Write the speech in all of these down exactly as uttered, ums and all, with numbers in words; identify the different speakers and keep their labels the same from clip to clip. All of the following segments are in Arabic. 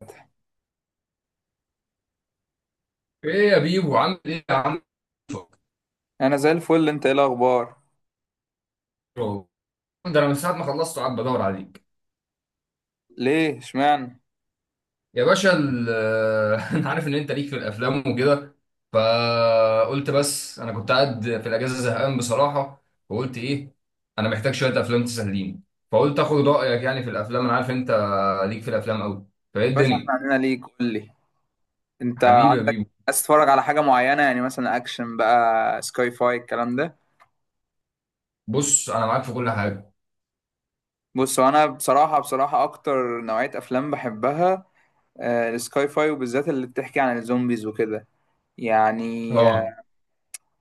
Speaker 1: فتحي،
Speaker 2: ايه يا بيبو، عامل ايه يا عم؟
Speaker 1: انا زي الفل. انت ايه الاخبار؟
Speaker 2: ده انا من ساعه ما خلصت قاعد بدور عليك.
Speaker 1: ليه؟ اشمعنى؟
Speaker 2: يا باشا، ال- انا عارف ان انت ليك في الافلام وكده، فقلت بس انا كنت قاعد في الاجازه زهقان بصراحه. وقلت ايه، انا محتاج شويه افلام تسليني. فقلت اخد رايك يعني في الافلام، انا عارف انت ليك في الافلام قوي. فايه
Speaker 1: يا باشا، احنا
Speaker 2: الدنيا؟
Speaker 1: عندنا ليك. قول لي انت
Speaker 2: حبيبي يا
Speaker 1: عندك،
Speaker 2: بيبو.
Speaker 1: عايز تتفرج على حاجه معينه؟ يعني مثلا اكشن بقى، سكاي فاي، الكلام ده؟
Speaker 2: بص انا معاك في كل حاجه.
Speaker 1: بص، هو انا بصراحه بصراحه اكتر نوعيه افلام بحبها، آه، السكاي فاي، وبالذات اللي بتحكي عن الزومبيز وكده يعني
Speaker 2: اه.
Speaker 1: آه،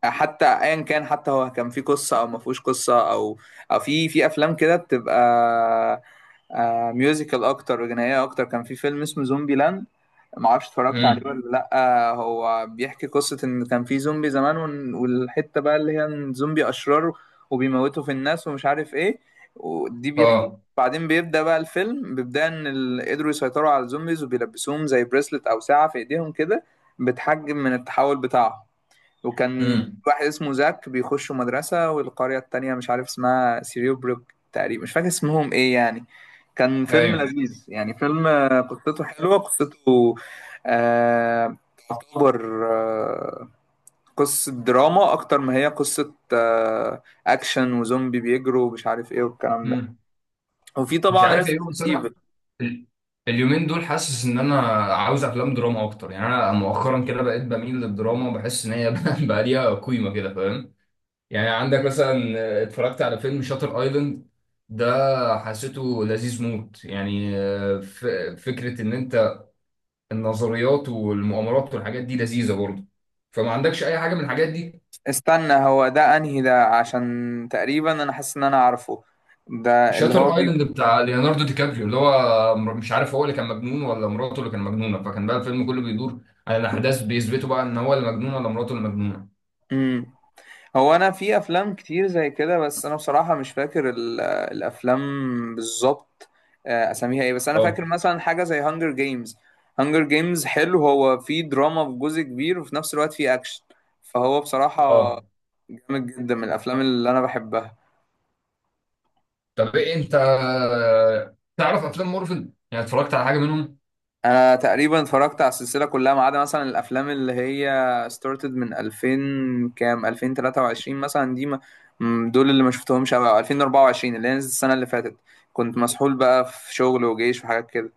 Speaker 1: حتى ايا كان، حتى هو كان في قصه او ما فيهوش قصه، او او في في افلام كده بتبقى آه، ميوزيكال اكتر وجنائيه اكتر. كان في فيلم اسمه زومبي لاند، ما اعرفش اتفرجت عليه
Speaker 2: امم.
Speaker 1: ولا لا. هو بيحكي قصة ان كان في زومبي زمان ون- والحتة بقى اللي هي إن زومبي اشرار وبيموتوا في الناس ومش عارف ايه. ودي بيحكي،
Speaker 2: اه.
Speaker 1: بعدين بيبدأ بقى الفيلم، بيبدأ ان ال- قدروا يسيطروا على الزومبيز وبيلبسوهم زي بريسلت او ساعة في ايديهم كده، بتحجم من التحول بتاعهم. وكان
Speaker 2: امم.
Speaker 1: في واحد اسمه زاك، بيخشوا مدرسة والقرية التانية مش عارف اسمها سيريوبروك تقريبا، مش فاكر اسمهم ايه يعني. كان فيلم
Speaker 2: ايوه.
Speaker 1: لذيذ يعني، فيلم آه، قصته حلوة، قصته آه تعتبر آه قصة دراما أكتر ما هي قصة آه أكشن وزومبي بيجروا ومش عارف ايه والكلام ده.
Speaker 2: امم.
Speaker 1: وفي
Speaker 2: مش
Speaker 1: طبعا
Speaker 2: عارف ايه،
Speaker 1: ريزيدنت
Speaker 2: بس انا
Speaker 1: ايفل.
Speaker 2: ال- اليومين دول حاسس ان انا عاوز افلام دراما اكتر. يعني انا مؤخرا كده بقيت بميل للدراما، بحس ان هي بقى ليها قيمه كده، فاهم؟ يعني عندك مثلا، اتفرجت على فيلم شاتر ايلاند، ده حسيته لذيذ موت يعني. ف- فكره ان انت النظريات والمؤامرات والحاجات دي لذيذه برضه، فما عندكش اي حاجه من الحاجات دي؟
Speaker 1: استنى، هو ده انهي ده؟ عشان تقريبا انا حاسس ان انا عارفه ده اللي هو
Speaker 2: شاتر
Speaker 1: بي...
Speaker 2: ايلاند بتاع ليوناردو دي كابريو، اللي هو مر- مش عارف هو اللي كان مجنون ولا مراته اللي كان مجنونه، فكان بقى الفيلم كله بيدور على الاحداث بيثبتوا بقى ان هو اللي مجنون ولا مراته اللي مجنونه.
Speaker 1: مم. هو انا في افلام كتير زي كده، بس انا بصراحه مش فاكر ال- آه، الافلام بالظبط، آه، اساميها ايه، بس انا فاكر
Speaker 2: اه.
Speaker 1: مثلا حاجه زي هانجر جيمز. هانجر جيمز حلو، هو فيه دراما في جزء كبير وفي نفس الوقت فيه اكشن، فهو بصراحه
Speaker 2: اه.
Speaker 1: جامد جدا، من الافلام اللي انا بحبها.
Speaker 2: طب ايه انت تعرف افلام مارفل؟ يعني اتفرجت على حاجه منهم؟
Speaker 1: انا تقريبا اتفرجت على السلسله كلها، ما عدا مثلا الافلام اللي هي ستارتد من الفين، كام الفين وتلاتة وعشرين مثلا دي ما م- دول اللي ما شفتهمش قوي، او الفين واربعة وعشرين اللي هي نزلت السنه اللي فاتت، كنت مسحول بقى في شغل وجيش وحاجات كده.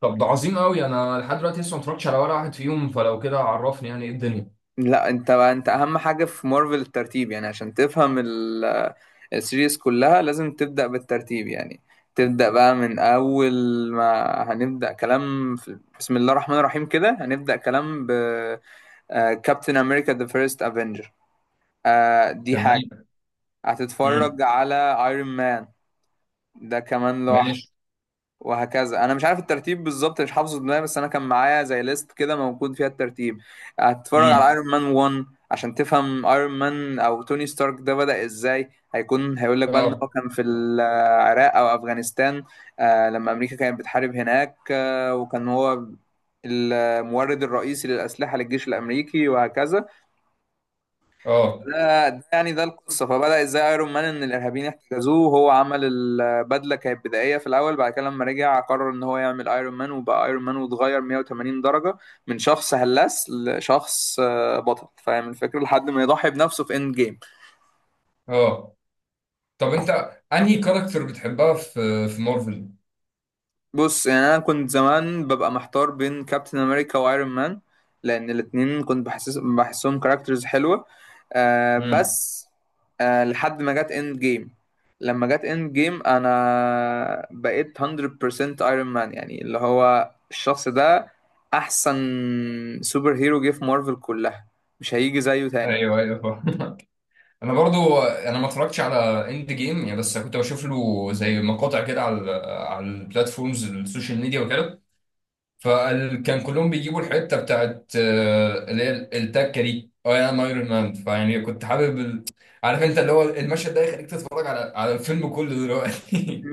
Speaker 2: طب ده عظيم قوي، انا لحد دلوقتي لسه ما اتفرجتش على ولا واحد فيهم، فلو كده عرفني يعني ايه الدنيا.
Speaker 1: لا انت بقى، انت اهم حاجه في مارفل الترتيب يعني، عشان تفهم ال- السيريز كلها لازم تبدا بالترتيب يعني، تبدا بقى من اول ما هنبدا كلام في بسم الله الرحمن الرحيم كده، هنبدا كلام ب كابتن امريكا ذا فيرست افنجر. آه دي حاجة.
Speaker 2: تمام.
Speaker 1: هتتفرج
Speaker 2: امم.
Speaker 1: على ايرون مان، ده كمان لوحده.
Speaker 2: ماشي.
Speaker 1: وهكذا. انا مش عارف الترتيب بالظبط، مش حافظه دماغي، بس انا كان معايا زي ليست كده موجود فيها الترتيب. هتتفرج على
Speaker 2: امم.
Speaker 1: ايرون مان واحد عشان تفهم ايرون مان او توني ستارك ده بدأ ازاي. هيكون هيقول لك بقى ان هو
Speaker 2: اه.
Speaker 1: كان في العراق او افغانستان، آه لما امريكا كانت بتحارب هناك، آه وكان هو المورد الرئيسي للأسلحة للجيش الأمريكي وهكذا.
Speaker 2: اه.
Speaker 1: ده ده يعني، ده القصه، فبدا ازاي ايرون مان ان الارهابيين احتجزوه، وهو عمل البدله كانت بدائيه في الاول. بعد كده لما رجع قرر ان هو يعمل ايرون مان، وبقى ايرون مان، واتغير مية وتمانين درجه من شخص هلاس لشخص آه، بطل، فاهم الفكره، لحد ما يضحي بنفسه في اند جيم.
Speaker 2: اه. طب انت انهي كاركتر بتحبها في في مارفل؟
Speaker 1: بص يعني، انا كنت زمان ببقى محتار بين كابتن امريكا وايرون مان، لان الاتنين كنت بحسس بحسهم كاركترز حلوه آه
Speaker 2: امم.
Speaker 1: بس آه لحد ما جت اند جيم. لما جت اند جيم، انا بقيت مية بالمية ايرون مان يعني، اللي هو الشخص ده احسن سوبر هيرو جه في مارفل كلها، مش هيجي زيه تاني.
Speaker 2: ايوه. ايوه انا برضو انا ما اتفرجتش على اند جيم يعني، بس كنت بشوف له زي مقاطع كده على ال على البلاتفورمز السوشيال ميديا وكده، فكان كلهم بيجيبوا الحته بتاعت آه، اللي هي التكه دي، اه انا ايرون مان، فيعني كنت حابب ال... عارف انت اللي هو المشهد ده يخليك تتفرج على على الفيلم كله دلوقتي.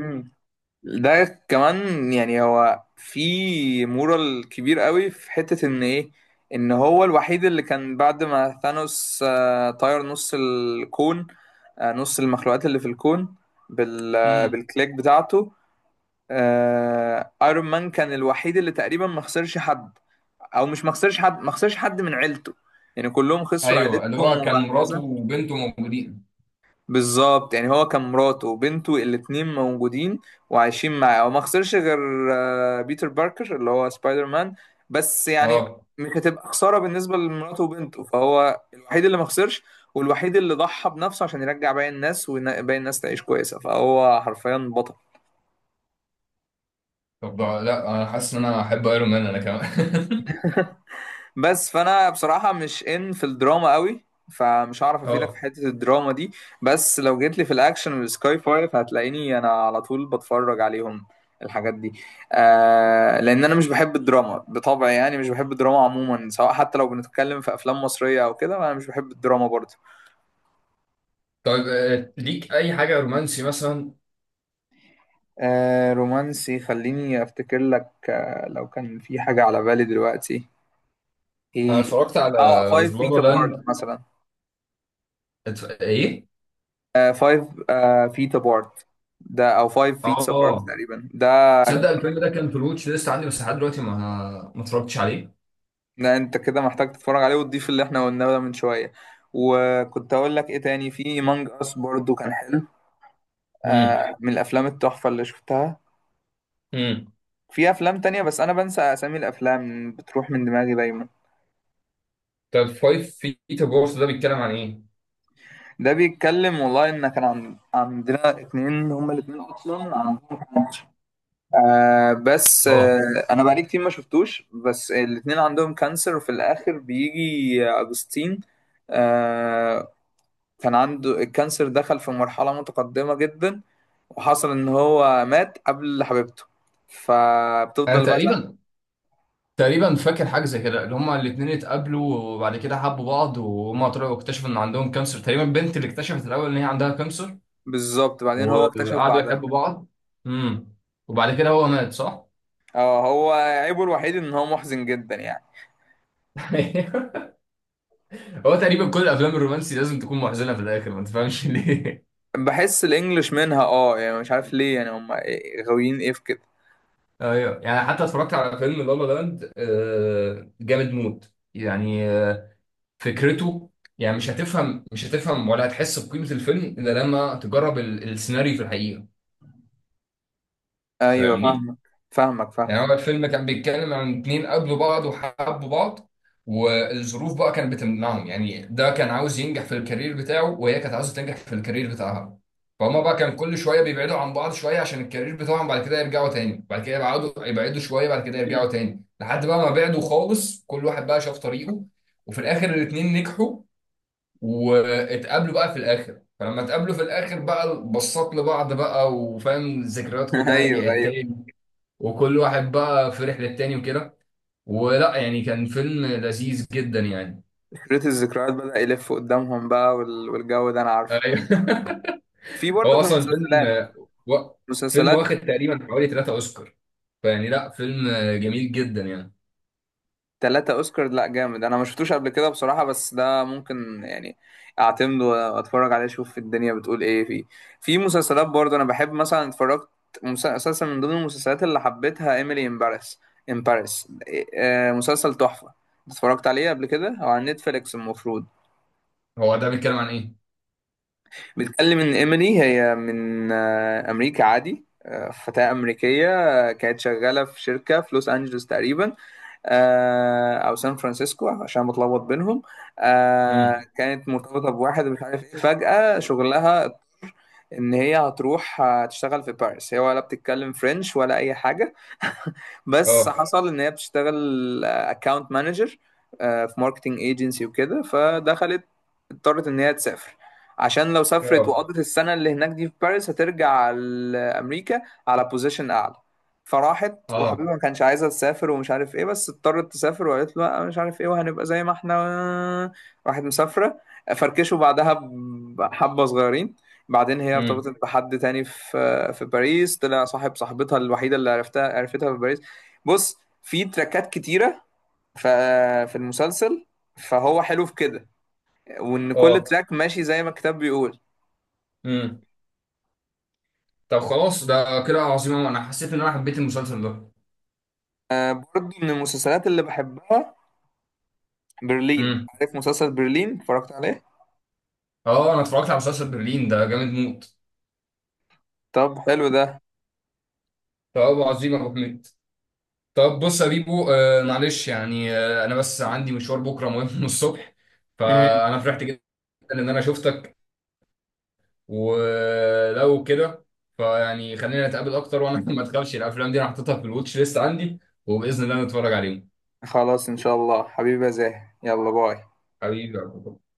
Speaker 1: ده كمان يعني، هو في مورال كبير قوي في حتة ان ايه، ان هو الوحيد اللي كان بعد ما ثانوس آه، طير نص الكون، آه، نص المخلوقات اللي في الكون، بال آه،
Speaker 2: امم.
Speaker 1: بالكليك بتاعته. آه، ايرون مان كان الوحيد اللي تقريبا ما خسرش حد، او مش ما خسرش حد، ما خسرش حد من عيلته يعني، كلهم خسروا
Speaker 2: ايوه اللي
Speaker 1: عيلتهم
Speaker 2: هو كان مراته
Speaker 1: وهكذا.
Speaker 2: وبنته موجودين.
Speaker 1: بالظبط يعني، هو كان مراته وبنته الاتنين موجودين وعايشين معاه، وما خسرش غير آه، بيتر باركر اللي هو سبايدر مان، بس يعني
Speaker 2: اه
Speaker 1: مش هتبقى خسارة بالنسبة لمراته وبنته، فهو الوحيد اللي ما خسرش، والوحيد اللي ضحى بنفسه عشان يرجع باقي الناس وباقي الناس تعيش كويسة، فهو حرفيا بطل.
Speaker 2: طب ده- لا انا حاسس ان انا احب ايرون مان انا كمان.
Speaker 1: بس فانا بصراحه مش ان في الدراما قوي، فمش هعرف افيدك في
Speaker 2: اه.
Speaker 1: حته الدراما دي. بس لو جيت لي في الاكشن والسكاي فايف، هتلاقيني انا على طول بتفرج عليهم الحاجات دي، آه لان انا مش بحب الدراما بطبعي يعني، مش بحب الدراما عموما، سواء حتى لو بنتكلم في افلام مصريه او كده، انا مش بحب الدراما برضه.
Speaker 2: طيب آه، ليك اي حاجه رومانسي مثلا؟
Speaker 1: آه، رومانسي، خليني افتكر لك. آه لو كان في حاجه على بالي دلوقتي.
Speaker 2: انا
Speaker 1: ايه؟
Speaker 2: اتفرجت على
Speaker 1: اه، فايف فيت
Speaker 2: زلابا
Speaker 1: ابارت
Speaker 2: لاند.
Speaker 1: مثلا.
Speaker 2: اتف... ايه.
Speaker 1: فايف فيت ابارت ده، او فايف فيتس ابارت
Speaker 2: اه
Speaker 1: تقريبا ده،
Speaker 2: تصدق
Speaker 1: جامد.
Speaker 2: الفيلم ده كان في الواتش ليست عندي، بس لحد دلوقتي ما ما اتفرجتش عليه.
Speaker 1: ده انت كده محتاج تتفرج عليه وتضيف اللي احنا قلناه ده من شويه. وكنت اقول لك ايه تاني، في مانج اس برضو كان حلو،
Speaker 2: امم.
Speaker 1: آه من الافلام التحفه اللي شفتها.
Speaker 2: امم.
Speaker 1: في افلام تانية، بس انا بنسى اسامي الافلام، بتروح من دماغي دايما.
Speaker 2: طب فايف فيت اوف ده بيتكلم عن ايه؟
Speaker 1: ده بيتكلم والله، ان كان عن... عندنا اتنين، هما الاتنين اصلا عندهم آه بس
Speaker 2: اه
Speaker 1: آه انا بقالي كتير ما شفتوش، بس الاتنين عندهم كانسر وفي الاخر بيجي اجوستين. آه، كان عنده الكانسر دخل في مرحلة متقدمة جدا، وحصل ان هو مات قبل حبيبته،
Speaker 2: انا
Speaker 1: فبتفضل بقى زعل-
Speaker 2: تقريبا تقريبا فاكر حاجه زي كده، اللي هما الاثنين اتقابلوا وبعد كده حبوا بعض، وهما طلعوا اكتشفوا ان عندهم كانسر، تقريبا البنت اللي اكتشفت الاول ان هي عندها كانسر.
Speaker 1: بالظبط، بعدين هو اكتشف
Speaker 2: وقعدوا
Speaker 1: بعدها.
Speaker 2: يحبوا بعض. امم. وبعد كده هو مات، صح؟
Speaker 1: اه، هو عيبه الوحيد ان هو محزن جدا يعني.
Speaker 2: هو تقريبا كل الافلام الرومانسي لازم تكون محزنه في الاخر، ما تفهمش ليه.
Speaker 1: بحس الانجليش منها، اه يعني مش عارف ليه، يعني هم غاويين ايه في كده.
Speaker 2: ايوه يعني حتى اتفرجت على فيلم لا لا لاند، آه، جامد موت يعني، آه، فكرته يعني، مش هتفهم مش هتفهم ولا هتحس بقيمة الفيلم الا لما تجرب ال- السيناريو في الحقيقة.
Speaker 1: ايوه،
Speaker 2: فاهمني؟
Speaker 1: فاهمك. فاهمك
Speaker 2: يعني هو
Speaker 1: فاهمك.
Speaker 2: الفيلم كان بيتكلم عن اتنين قابلوا بعض وحبوا بعض، والظروف بقى كانت بتمنعهم، يعني ده كان عاوز ينجح في الكارير بتاعه وهي كانت عاوزة تنجح في الكارير بتاعها. فهما بقى كان كل شوية بيبعدوا عن بعض شوية عشان الكارير بتاعهم، بعد كده يرجعوا تاني، بعد كده يبعدوا يبعدوا شوية، بعد كده يرجعوا تاني، لحد بقى ما بعدوا خالص كل واحد بقى شاف طريقه. وفي الآخر الاتنين نجحوا واتقابلوا بقى في الآخر، فلما اتقابلوا في الآخر بقى بصات لبعض بقى وفاهم الذكريات كلها
Speaker 1: ايوه
Speaker 2: رجعت
Speaker 1: ايوه.
Speaker 2: تاني، وكل واحد بقى في رحلة تاني وكده. ولا يعني كان فيلم لذيذ جدا يعني.
Speaker 1: كريت الذكريات بدأ يلف قدامهم بقى وال- والجو ده انا عارفه،
Speaker 2: ايوه.
Speaker 1: في برضه
Speaker 2: هو
Speaker 1: في
Speaker 2: اصلا فيلم
Speaker 1: المسلسلات.
Speaker 2: و... فيلم
Speaker 1: مسلسلات
Speaker 2: واخد تقريبا حوالي ثلاثة اوسكار، فيعني لا فيلم جميل جدا يعني.
Speaker 1: ثلاثة اوسكار، لا جامد! انا ما شفتوش قبل كده بصراحة، بس ده ممكن يعني اعتمد واتفرج عليه، اشوف الدنيا بتقول ايه فيه. في مسلسلات برضه انا بحب، مثلا اتفرجت، مسلسل من ضمن المسلسلات اللي حبيتها ايميلي ان باريس. ان باريس إيه، آه، مسلسل تحفة، اتفرجت عليه قبل كده او على نتفليكس المفروض.
Speaker 2: هو ده بيتكلم عن ايه؟
Speaker 1: بتكلم ان ايميلي هي من آه، امريكا عادي، آه، فتاة أمريكية، آه، كانت شغالة في شركة في لوس أنجلوس تقريبا، آه، أو سان فرانسيسكو عشان بتلخبط بينهم، آه،
Speaker 2: امم.
Speaker 1: كانت مرتبطة بواحد مش عارف إيه، فجأة شغلها ان هي هتروح تشتغل في باريس، هي ولا بتتكلم فرنش ولا اي حاجه. بس
Speaker 2: اه.
Speaker 1: حصل ان هي بتشتغل اكاونت مانجر في ماركتنج ايجنسي وكده، فدخلت اضطرت ان هي تسافر عشان لو سافرت
Speaker 2: اه.
Speaker 1: وقضت السنه اللي هناك دي في باريس هترجع لامريكا على بوزيشن اعلى. فراحت،
Speaker 2: اه.
Speaker 1: وحبيبها ما كانش عايزه تسافر ومش عارف ايه، بس اضطرت تسافر وقالت له لا مش عارف ايه، وهنبقى زي ما احنا، آه، راحت مسافره، فركشوا بعدها بحبه صغيرين. بعدين هي
Speaker 2: امم.
Speaker 1: ارتبطت بحد تاني في في باريس، طلع صاحب صاحبتها الوحيدة اللي عرفتها عرفتها في باريس. بص، في تراكات كتيرة ف- في المسلسل، فهو حلو في كده، وإن كل
Speaker 2: اه.
Speaker 1: تراك ماشي زي ما الكتاب بيقول.
Speaker 2: امم. طب خلاص ده كده عظيم أوي. انا حسيت ان انا حبيت المسلسل ده.
Speaker 1: آه، برضه من المسلسلات اللي بحبها برلين.
Speaker 2: امم.
Speaker 1: عارف مسلسل برلين اتفرجت عليه؟
Speaker 2: اه انا اتفرجت على مسلسل برلين ده جامد موت.
Speaker 1: طب حلو ده.
Speaker 2: طب عظيم يا ابو حميد. طب بص يا بيبو، آه معلش يعني، آه انا بس عندي مشوار بكره مهم من الصبح،
Speaker 1: مم.
Speaker 2: فانا فرحت جدا ان انا شفتك، ولو كده فيعني خلينا نتقابل اكتر. وانا ما تخافش، الافلام دي انا حاططها في الواتش ليست عندي وباذن الله نتفرج عليهم.
Speaker 1: خلاص إن شاء الله، حبيبي يا زاهي، يلا باي.
Speaker 2: حبيبي يا عبد الله.